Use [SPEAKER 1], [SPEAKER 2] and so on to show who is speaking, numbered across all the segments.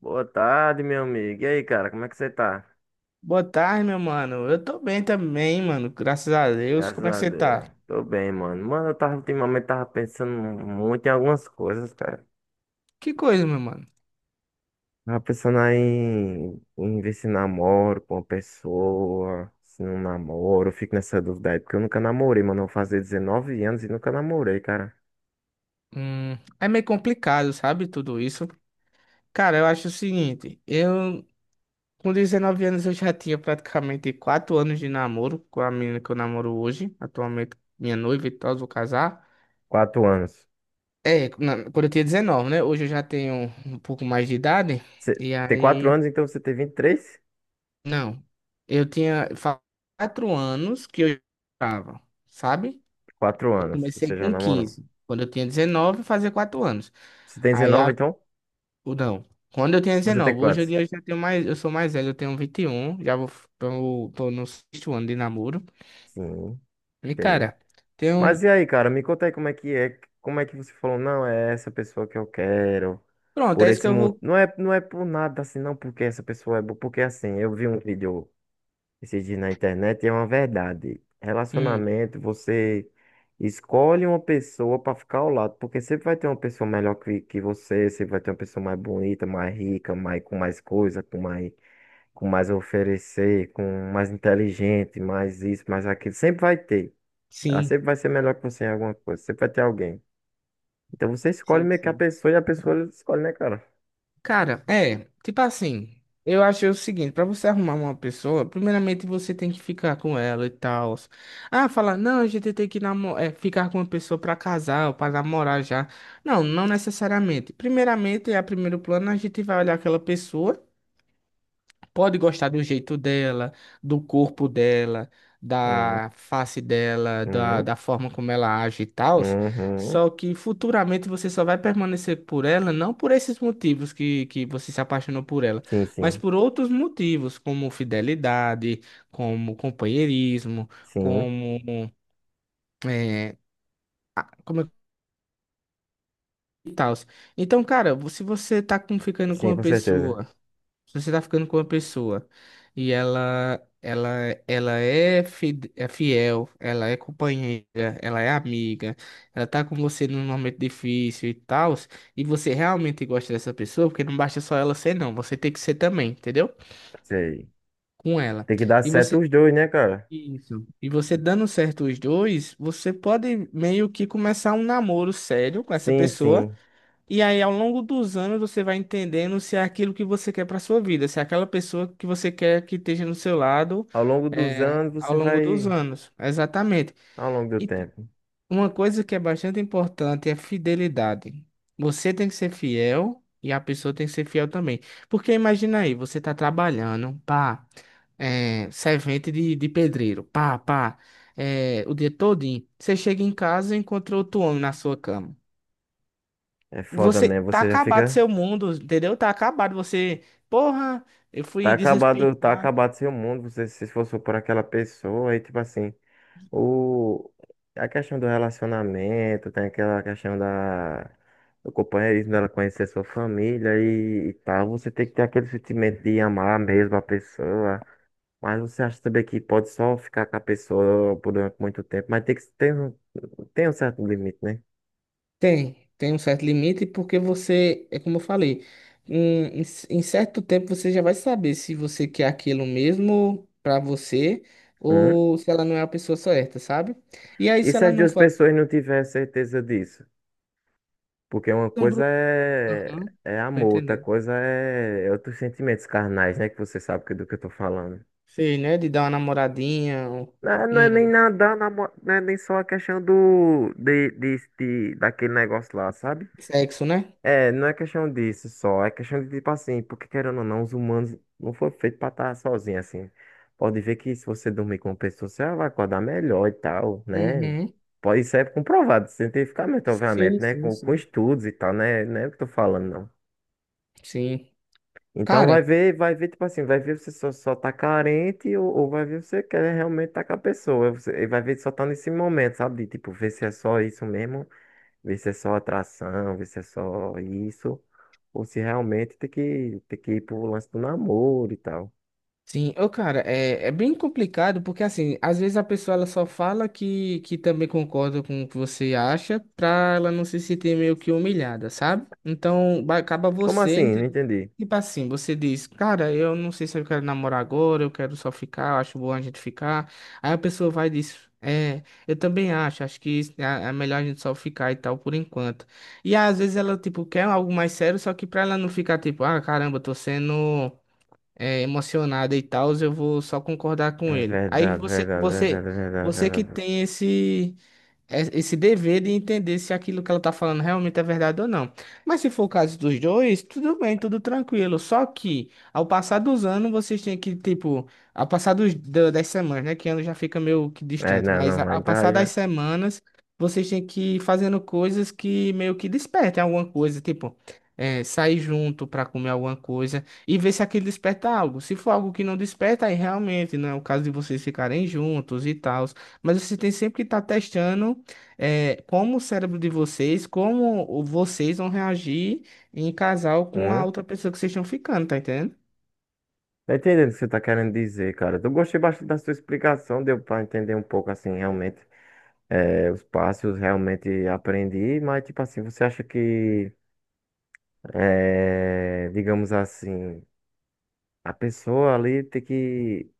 [SPEAKER 1] Boa tarde, meu amigo. E aí, cara, como é que você tá?
[SPEAKER 2] Boa tarde, meu mano. Eu tô bem também, mano. Graças a Deus.
[SPEAKER 1] Graças
[SPEAKER 2] Como é que
[SPEAKER 1] a
[SPEAKER 2] você
[SPEAKER 1] Deus.
[SPEAKER 2] tá?
[SPEAKER 1] Tô bem, mano. Mano, eu tava ultimamente tava pensando muito em algumas coisas, cara.
[SPEAKER 2] Que coisa, meu mano.
[SPEAKER 1] Tava pensando aí em ver se namoro com uma pessoa, se não namoro. Eu fico nessa dúvida aí, porque eu nunca namorei, mano. Eu vou fazer 19 anos e nunca namorei, cara.
[SPEAKER 2] Hum, é meio complicado, sabe? Tudo isso. Cara, eu acho o seguinte. Eu, com 19 anos, eu já tinha praticamente 4 anos de namoro com a menina que eu namoro hoje. Atualmente, minha noiva e tal, vou casar.
[SPEAKER 1] 4 anos.
[SPEAKER 2] É, quando eu tinha 19, né? Hoje eu já tenho um pouco mais de idade.
[SPEAKER 1] Você
[SPEAKER 2] E
[SPEAKER 1] tem quatro
[SPEAKER 2] aí...
[SPEAKER 1] anos, então você tem 23?
[SPEAKER 2] Não. Eu tinha fa- 4 anos que eu já namorava, sabe?
[SPEAKER 1] Quatro
[SPEAKER 2] Eu
[SPEAKER 1] anos. que
[SPEAKER 2] comecei
[SPEAKER 1] Você já
[SPEAKER 2] com
[SPEAKER 1] namorou.
[SPEAKER 2] 15. Quando eu tinha 19, fazia 4 anos.
[SPEAKER 1] Você tem
[SPEAKER 2] Aí,
[SPEAKER 1] 19
[SPEAKER 2] a...
[SPEAKER 1] então?
[SPEAKER 2] ou não. Quando eu tinha
[SPEAKER 1] Você tem
[SPEAKER 2] 19, hoje em
[SPEAKER 1] quantos?
[SPEAKER 2] dia eu já tenho mais, eu sou mais velho, eu tenho 21, tô no sexto ano de namoro.
[SPEAKER 1] Sim,
[SPEAKER 2] E,
[SPEAKER 1] entendi.
[SPEAKER 2] cara,
[SPEAKER 1] Mas
[SPEAKER 2] tenho,
[SPEAKER 1] e aí, cara, me conta aí como é que é, como é que você falou, não, é essa pessoa que eu quero,
[SPEAKER 2] pronto,
[SPEAKER 1] por
[SPEAKER 2] é isso que
[SPEAKER 1] esse
[SPEAKER 2] eu
[SPEAKER 1] mundo.
[SPEAKER 2] vou,
[SPEAKER 1] Não é por nada assim, não, porque essa pessoa é boa, porque assim, eu vi um vídeo esses dias na internet e é uma verdade.
[SPEAKER 2] hum,
[SPEAKER 1] Relacionamento, você escolhe uma pessoa pra ficar ao lado, porque sempre vai ter uma pessoa melhor que você, sempre vai ter uma pessoa mais bonita, mais rica, mais, com mais coisa, com mais a oferecer, com mais inteligente, mais isso, mais aquilo, sempre vai ter. Ela
[SPEAKER 2] sim,
[SPEAKER 1] sempre vai ser melhor que você em alguma coisa. Sempre vai ter alguém. Então você escolhe
[SPEAKER 2] sim,
[SPEAKER 1] meio que a
[SPEAKER 2] sim.
[SPEAKER 1] pessoa e a pessoa escolhe, né, cara?
[SPEAKER 2] Cara, tipo assim, eu achei o seguinte, pra você arrumar uma pessoa, primeiramente você tem que ficar com ela e tal. Ah, falar, não, a gente tem que ficar com uma pessoa pra casar ou pra namorar já. Não, não necessariamente. Primeiramente, a primeiro plano, a gente vai olhar aquela pessoa, pode gostar do jeito dela, do corpo dela,
[SPEAKER 1] Uhum,
[SPEAKER 2] da face dela, da,
[SPEAKER 1] uhum,
[SPEAKER 2] da forma como ela age e tal,
[SPEAKER 1] uhum.
[SPEAKER 2] só que futuramente você só vai permanecer por ela, não por esses motivos que você se apaixonou por ela,
[SPEAKER 1] Sim,
[SPEAKER 2] mas
[SPEAKER 1] sim.
[SPEAKER 2] por outros motivos, como fidelidade, como companheirismo,
[SPEAKER 1] Sim,
[SPEAKER 2] como. É, como é que tal? Então, cara, se você tá com- ficando com
[SPEAKER 1] sim,
[SPEAKER 2] uma
[SPEAKER 1] com certeza.
[SPEAKER 2] pessoa. Se você tá ficando com uma pessoa e ela é é fiel, ela é companheira, ela é amiga, ela tá com você num momento difícil e tal, e você realmente gosta dessa pessoa, porque não basta só ela ser não, você tem que ser também, entendeu?
[SPEAKER 1] Sei.
[SPEAKER 2] Com ela.
[SPEAKER 1] Tem que dar
[SPEAKER 2] E
[SPEAKER 1] certo
[SPEAKER 2] você
[SPEAKER 1] os dois, né, cara?
[SPEAKER 2] isso. E você dando certo os dois, você pode meio que começar um namoro sério com essa
[SPEAKER 1] Sim,
[SPEAKER 2] pessoa
[SPEAKER 1] sim.
[SPEAKER 2] e aí, ao longo dos anos, você vai entendendo se é aquilo que você quer para sua vida, se é aquela pessoa que você quer que esteja no seu lado,
[SPEAKER 1] Ao longo dos
[SPEAKER 2] é,
[SPEAKER 1] anos
[SPEAKER 2] ao
[SPEAKER 1] você
[SPEAKER 2] longo dos
[SPEAKER 1] vai.
[SPEAKER 2] anos. Exatamente.
[SPEAKER 1] Ao longo do
[SPEAKER 2] E
[SPEAKER 1] tempo.
[SPEAKER 2] uma coisa que é bastante importante é a fidelidade. Você tem que ser fiel e a pessoa tem que ser fiel também. Porque imagina aí, você está trabalhando, pá, é, servente de pedreiro, é, o dia todinho. Você chega em casa e encontra outro homem na sua cama.
[SPEAKER 1] É foda
[SPEAKER 2] Você
[SPEAKER 1] mesmo.
[SPEAKER 2] tá
[SPEAKER 1] Você já
[SPEAKER 2] acabado
[SPEAKER 1] fica.
[SPEAKER 2] seu mundo, entendeu? Tá acabado. Você, porra, eu fui
[SPEAKER 1] Tá
[SPEAKER 2] desrespeitado.
[SPEAKER 1] acabado seu mundo. Você se esforçou por aquela pessoa. Aí, tipo assim. O, a questão do relacionamento, tem aquela questão da, do companheirismo dela conhecer sua família e tal. Você tem que ter aquele sentimento de amar mesmo a pessoa. Mas você acha também que pode só ficar com a pessoa por muito tempo, mas tem que ter um, tem um certo limite, né?
[SPEAKER 2] Tem um certo limite, porque você, é como eu falei, em certo tempo você já vai saber se você quer aquilo mesmo pra você
[SPEAKER 1] Hum?
[SPEAKER 2] ou se ela não é a pessoa certa, sabe? E aí,
[SPEAKER 1] E
[SPEAKER 2] se
[SPEAKER 1] se
[SPEAKER 2] ela
[SPEAKER 1] as
[SPEAKER 2] não
[SPEAKER 1] duas
[SPEAKER 2] for.
[SPEAKER 1] pessoas não tiverem certeza disso? Porque uma
[SPEAKER 2] Pessoa,
[SPEAKER 1] coisa
[SPEAKER 2] Bru-
[SPEAKER 1] é,
[SPEAKER 2] Uhum,
[SPEAKER 1] é
[SPEAKER 2] tô
[SPEAKER 1] amor, outra
[SPEAKER 2] entendendo.
[SPEAKER 1] coisa é outros sentimentos carnais, né? Que você sabe é do que eu tô falando.
[SPEAKER 2] Sei, né? De dar uma namoradinha, um,
[SPEAKER 1] Não, não é nem
[SPEAKER 2] um
[SPEAKER 1] nada, não é nem só a questão do, de- daquele negócio lá, sabe?
[SPEAKER 2] sexo, né?
[SPEAKER 1] É, não é questão disso só, é questão de tipo assim, porque querendo ou não, os humanos não foram feitos pra estar sozinhos assim. Pode ver que se você dormir com uma pessoa, você vai acordar melhor e tal, né?
[SPEAKER 2] Uhum.
[SPEAKER 1] Pode, isso é comprovado cientificamente, obviamente,
[SPEAKER 2] Sim,
[SPEAKER 1] né?
[SPEAKER 2] sim,
[SPEAKER 1] Com
[SPEAKER 2] sim.
[SPEAKER 1] estudos e tal, né? Não é o que eu tô falando, não.
[SPEAKER 2] Sim.
[SPEAKER 1] Então vai
[SPEAKER 2] Cara.
[SPEAKER 1] ver, vai ver, tipo assim, vai ver você só tá carente ou vai ver você quer realmente tá com a pessoa. E vai ver só tá nesse momento, sabe? De, tipo, ver se é só isso mesmo, ver se é só atração, ver se é só isso, ou se realmente tem que ir pro lance do namoro e tal.
[SPEAKER 2] Sim, ô cara, é bem complicado porque assim, às vezes a pessoa ela só fala que também concorda com o que você acha pra ela não se sentir meio que humilhada, sabe? Acaba
[SPEAKER 1] Como
[SPEAKER 2] você,
[SPEAKER 1] assim? Não
[SPEAKER 2] entendeu?
[SPEAKER 1] entendi.
[SPEAKER 2] Tipo assim, você diz, cara, eu não sei se eu quero namorar agora, eu quero só ficar, eu acho bom a gente ficar. Aí a pessoa vai e diz, é, eu também acho, é é melhor a gente só ficar e tal por enquanto. E às vezes ela, tipo, quer algo mais sério, só que pra ela não ficar tipo, ah, caramba, eu tô sendo emocionada e tal, eu vou só concordar com
[SPEAKER 1] É
[SPEAKER 2] ele.
[SPEAKER 1] verdade, verdade, verdade, verdade,
[SPEAKER 2] Você que
[SPEAKER 1] verdade.
[SPEAKER 2] tem esse dever de entender se aquilo que ela tá falando realmente é verdade ou não. Mas se for o caso dos dois, tudo bem, tudo tranquilo. Só que ao passar dos anos, vocês têm que, tipo, ao passar dos, da- das semanas, né? Que ano já fica meio que
[SPEAKER 1] É,
[SPEAKER 2] distante,
[SPEAKER 1] não, não,
[SPEAKER 2] ao
[SPEAKER 1] aí tá,
[SPEAKER 2] passar
[SPEAKER 1] aí
[SPEAKER 2] das
[SPEAKER 1] já.
[SPEAKER 2] semanas, vocês têm que ir fazendo coisas que meio que despertem alguma coisa, tipo. É, sair junto para comer alguma coisa e ver se aquilo desperta algo. Se for algo que não desperta, aí realmente não é o caso de vocês ficarem juntos e tal. Mas você tem sempre que estar testando como o cérebro de vocês, vocês vão reagir em casal com a
[SPEAKER 1] Hum?
[SPEAKER 2] outra pessoa que vocês estão ficando, tá entendendo?
[SPEAKER 1] Tá entendendo o que você tá querendo dizer, cara. Eu gostei bastante da sua explicação, deu pra entender um pouco assim, realmente. É, os passos realmente aprendi, mas tipo assim, você acha que, é, digamos assim, a pessoa ali tem que,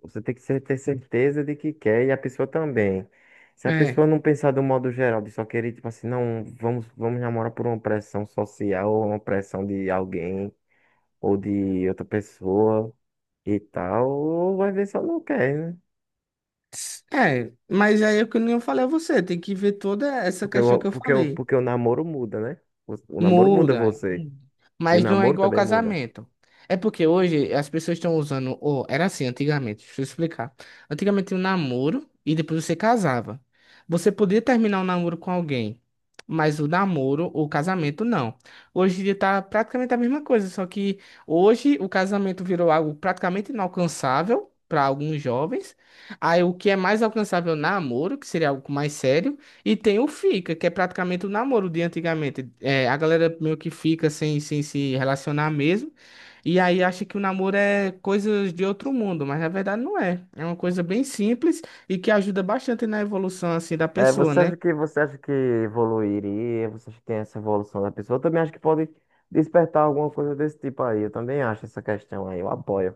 [SPEAKER 1] você tem que ter certeza de que quer e a pessoa também. Se a
[SPEAKER 2] É.
[SPEAKER 1] pessoa não pensar do modo geral, de só querer, tipo assim, não, vamos namorar por uma pressão social ou uma pressão de alguém ou de outra pessoa e tal, ou vai ver se ela não quer, né?
[SPEAKER 2] É, mas aí é o que eu não falei a você, tem que ver toda essa
[SPEAKER 1] Porque,
[SPEAKER 2] questão
[SPEAKER 1] o-
[SPEAKER 2] que eu
[SPEAKER 1] porque, o-
[SPEAKER 2] falei.
[SPEAKER 1] porque o namoro muda, né? O namoro muda
[SPEAKER 2] Muda. É.
[SPEAKER 1] você e o
[SPEAKER 2] Mas não é
[SPEAKER 1] namoro
[SPEAKER 2] igual
[SPEAKER 1] também muda.
[SPEAKER 2] casamento. É porque hoje as pessoas estão usando. Ou, era assim antigamente, deixa eu explicar. Antigamente tinha um namoro e depois você casava. Você podia terminar o namoro com alguém, mas o namoro, o casamento, não. Hoje em dia tá praticamente a mesma coisa, só que hoje o casamento virou algo praticamente inalcançável para alguns jovens. Aí o que é mais alcançável, namoro, que seria algo mais sério. E tem o fica, que é praticamente o namoro de antigamente. É, a galera meio que fica sem se relacionar mesmo. E aí acha que o namoro é coisas de outro mundo, mas na verdade não é. É uma coisa bem simples e que ajuda bastante na evolução assim da
[SPEAKER 1] É,
[SPEAKER 2] pessoa,
[SPEAKER 1] você
[SPEAKER 2] né?
[SPEAKER 1] acha que você acha que evoluiria? Você acha que tem essa evolução da pessoa? Eu também acho que pode despertar alguma coisa desse tipo aí. Eu também acho essa questão aí. Eu apoio.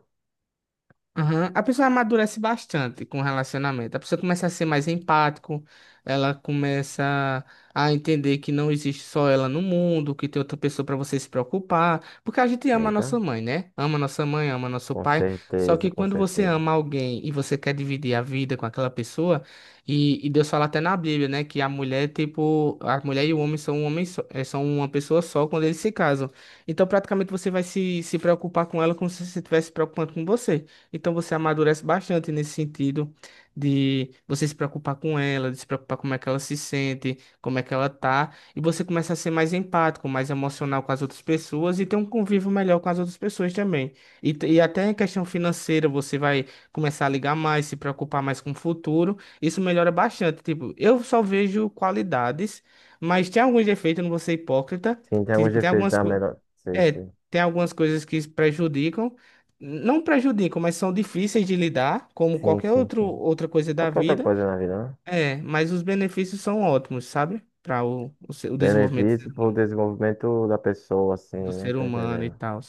[SPEAKER 2] Aham. A pessoa amadurece bastante com o relacionamento. A pessoa começa a ser mais empático, ela começa a entender que não existe só ela no mundo, que tem outra pessoa para você se preocupar, porque a gente ama a
[SPEAKER 1] Eita,
[SPEAKER 2] nossa mãe, né? Ama nossa mãe, ama nosso
[SPEAKER 1] com
[SPEAKER 2] pai. Só que
[SPEAKER 1] certeza, com
[SPEAKER 2] quando você
[SPEAKER 1] certeza.
[SPEAKER 2] ama alguém e você quer dividir a vida com aquela pessoa, e Deus fala até na Bíblia, né, que a mulher, tipo, a mulher e o homem são um homem só, eh, são uma pessoa só quando eles se casam. Então, praticamente você vai se preocupar com ela como se você estivesse se preocupando com você. Então você amadurece bastante nesse sentido de você se preocupar com ela, de se preocupar como é que ela se sente, como é que ela tá, e você começa a ser mais empático, mais emocional com as outras pessoas e ter um convívio melhor com as outras pessoas também. E, até em questão financeira, você vai começar a ligar mais, se preocupar mais com o futuro. Isso melhora bastante. Tipo, eu só vejo qualidades, mas tem alguns defeitos, eu não vou ser hipócrita.
[SPEAKER 1] Sim, tem alguns
[SPEAKER 2] Tipo, tem
[SPEAKER 1] efeitos
[SPEAKER 2] algumas
[SPEAKER 1] da
[SPEAKER 2] coisas.
[SPEAKER 1] melhor. Sei,
[SPEAKER 2] É,
[SPEAKER 1] sei.
[SPEAKER 2] tem algumas coisas que prejudicam, não prejudicam, mas são difíceis de lidar, como
[SPEAKER 1] Sim,
[SPEAKER 2] qualquer
[SPEAKER 1] sim,
[SPEAKER 2] outro,
[SPEAKER 1] sim.
[SPEAKER 2] outra coisa da
[SPEAKER 1] Qualquer outra
[SPEAKER 2] vida.
[SPEAKER 1] coisa na vida, né?
[SPEAKER 2] É, mas os benefícios são ótimos, sabe? Para o desenvolvimento
[SPEAKER 1] Benefício pro desenvolvimento da pessoa,
[SPEAKER 2] do
[SPEAKER 1] assim, né?
[SPEAKER 2] ser
[SPEAKER 1] Tá
[SPEAKER 2] humano e
[SPEAKER 1] entendendo?
[SPEAKER 2] tal.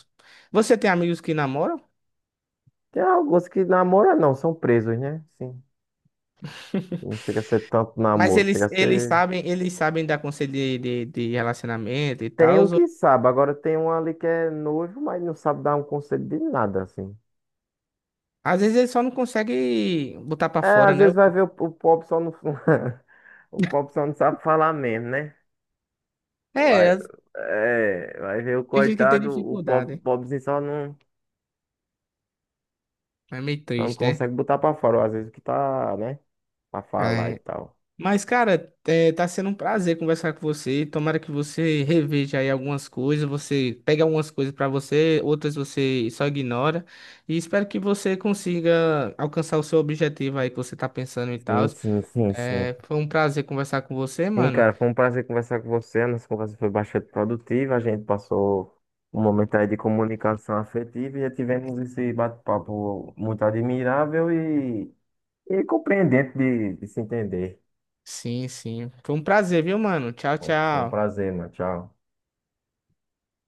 [SPEAKER 2] Você tem amigos que namoram,
[SPEAKER 1] Tem alguns que namoram, não, são presos, né? Sim. Não chega a ser tanto
[SPEAKER 2] mas
[SPEAKER 1] namoro, chega
[SPEAKER 2] eles,
[SPEAKER 1] a
[SPEAKER 2] eles
[SPEAKER 1] ser.
[SPEAKER 2] sabem, eles sabem dar conselho de relacionamento e
[SPEAKER 1] Tem
[SPEAKER 2] tal.
[SPEAKER 1] um que sabe, agora tem um ali que é noivo, mas não sabe dar um conselho de nada, assim.
[SPEAKER 2] Às vezes eles só não conseguem botar para
[SPEAKER 1] É,
[SPEAKER 2] fora,
[SPEAKER 1] às
[SPEAKER 2] né?
[SPEAKER 1] vezes vai ver o pobre só não. O pobre só não sabe falar mesmo, né? Vai,
[SPEAKER 2] É,
[SPEAKER 1] vai ver o
[SPEAKER 2] tem gente que tem
[SPEAKER 1] coitado, o pobre,
[SPEAKER 2] dificuldade.
[SPEAKER 1] pobrezinho
[SPEAKER 2] É meio
[SPEAKER 1] só não
[SPEAKER 2] triste, né?
[SPEAKER 1] consegue botar pra fora, ou às vezes o que tá, né? Pra falar e
[SPEAKER 2] É,
[SPEAKER 1] tal.
[SPEAKER 2] mas, cara, é, tá sendo um prazer conversar com você. Tomara que você reveja aí algumas coisas, você pega algumas coisas pra você, outras você só ignora. E espero que você consiga alcançar o seu objetivo aí que você tá pensando e
[SPEAKER 1] Sim,
[SPEAKER 2] tal.
[SPEAKER 1] sim, sim, sim.
[SPEAKER 2] É, foi um prazer conversar com você,
[SPEAKER 1] Sim,
[SPEAKER 2] mano.
[SPEAKER 1] cara, foi um prazer conversar com você. A nossa conversa foi bastante produtiva. A gente passou um momento aí de comunicação afetiva e tivemos esse bate-papo muito admirável e compreendente de se entender.
[SPEAKER 2] Sim, sim. Foi um prazer, viu, mano? Tchau,
[SPEAKER 1] Foi um
[SPEAKER 2] tchau.
[SPEAKER 1] prazer, mano. Tchau.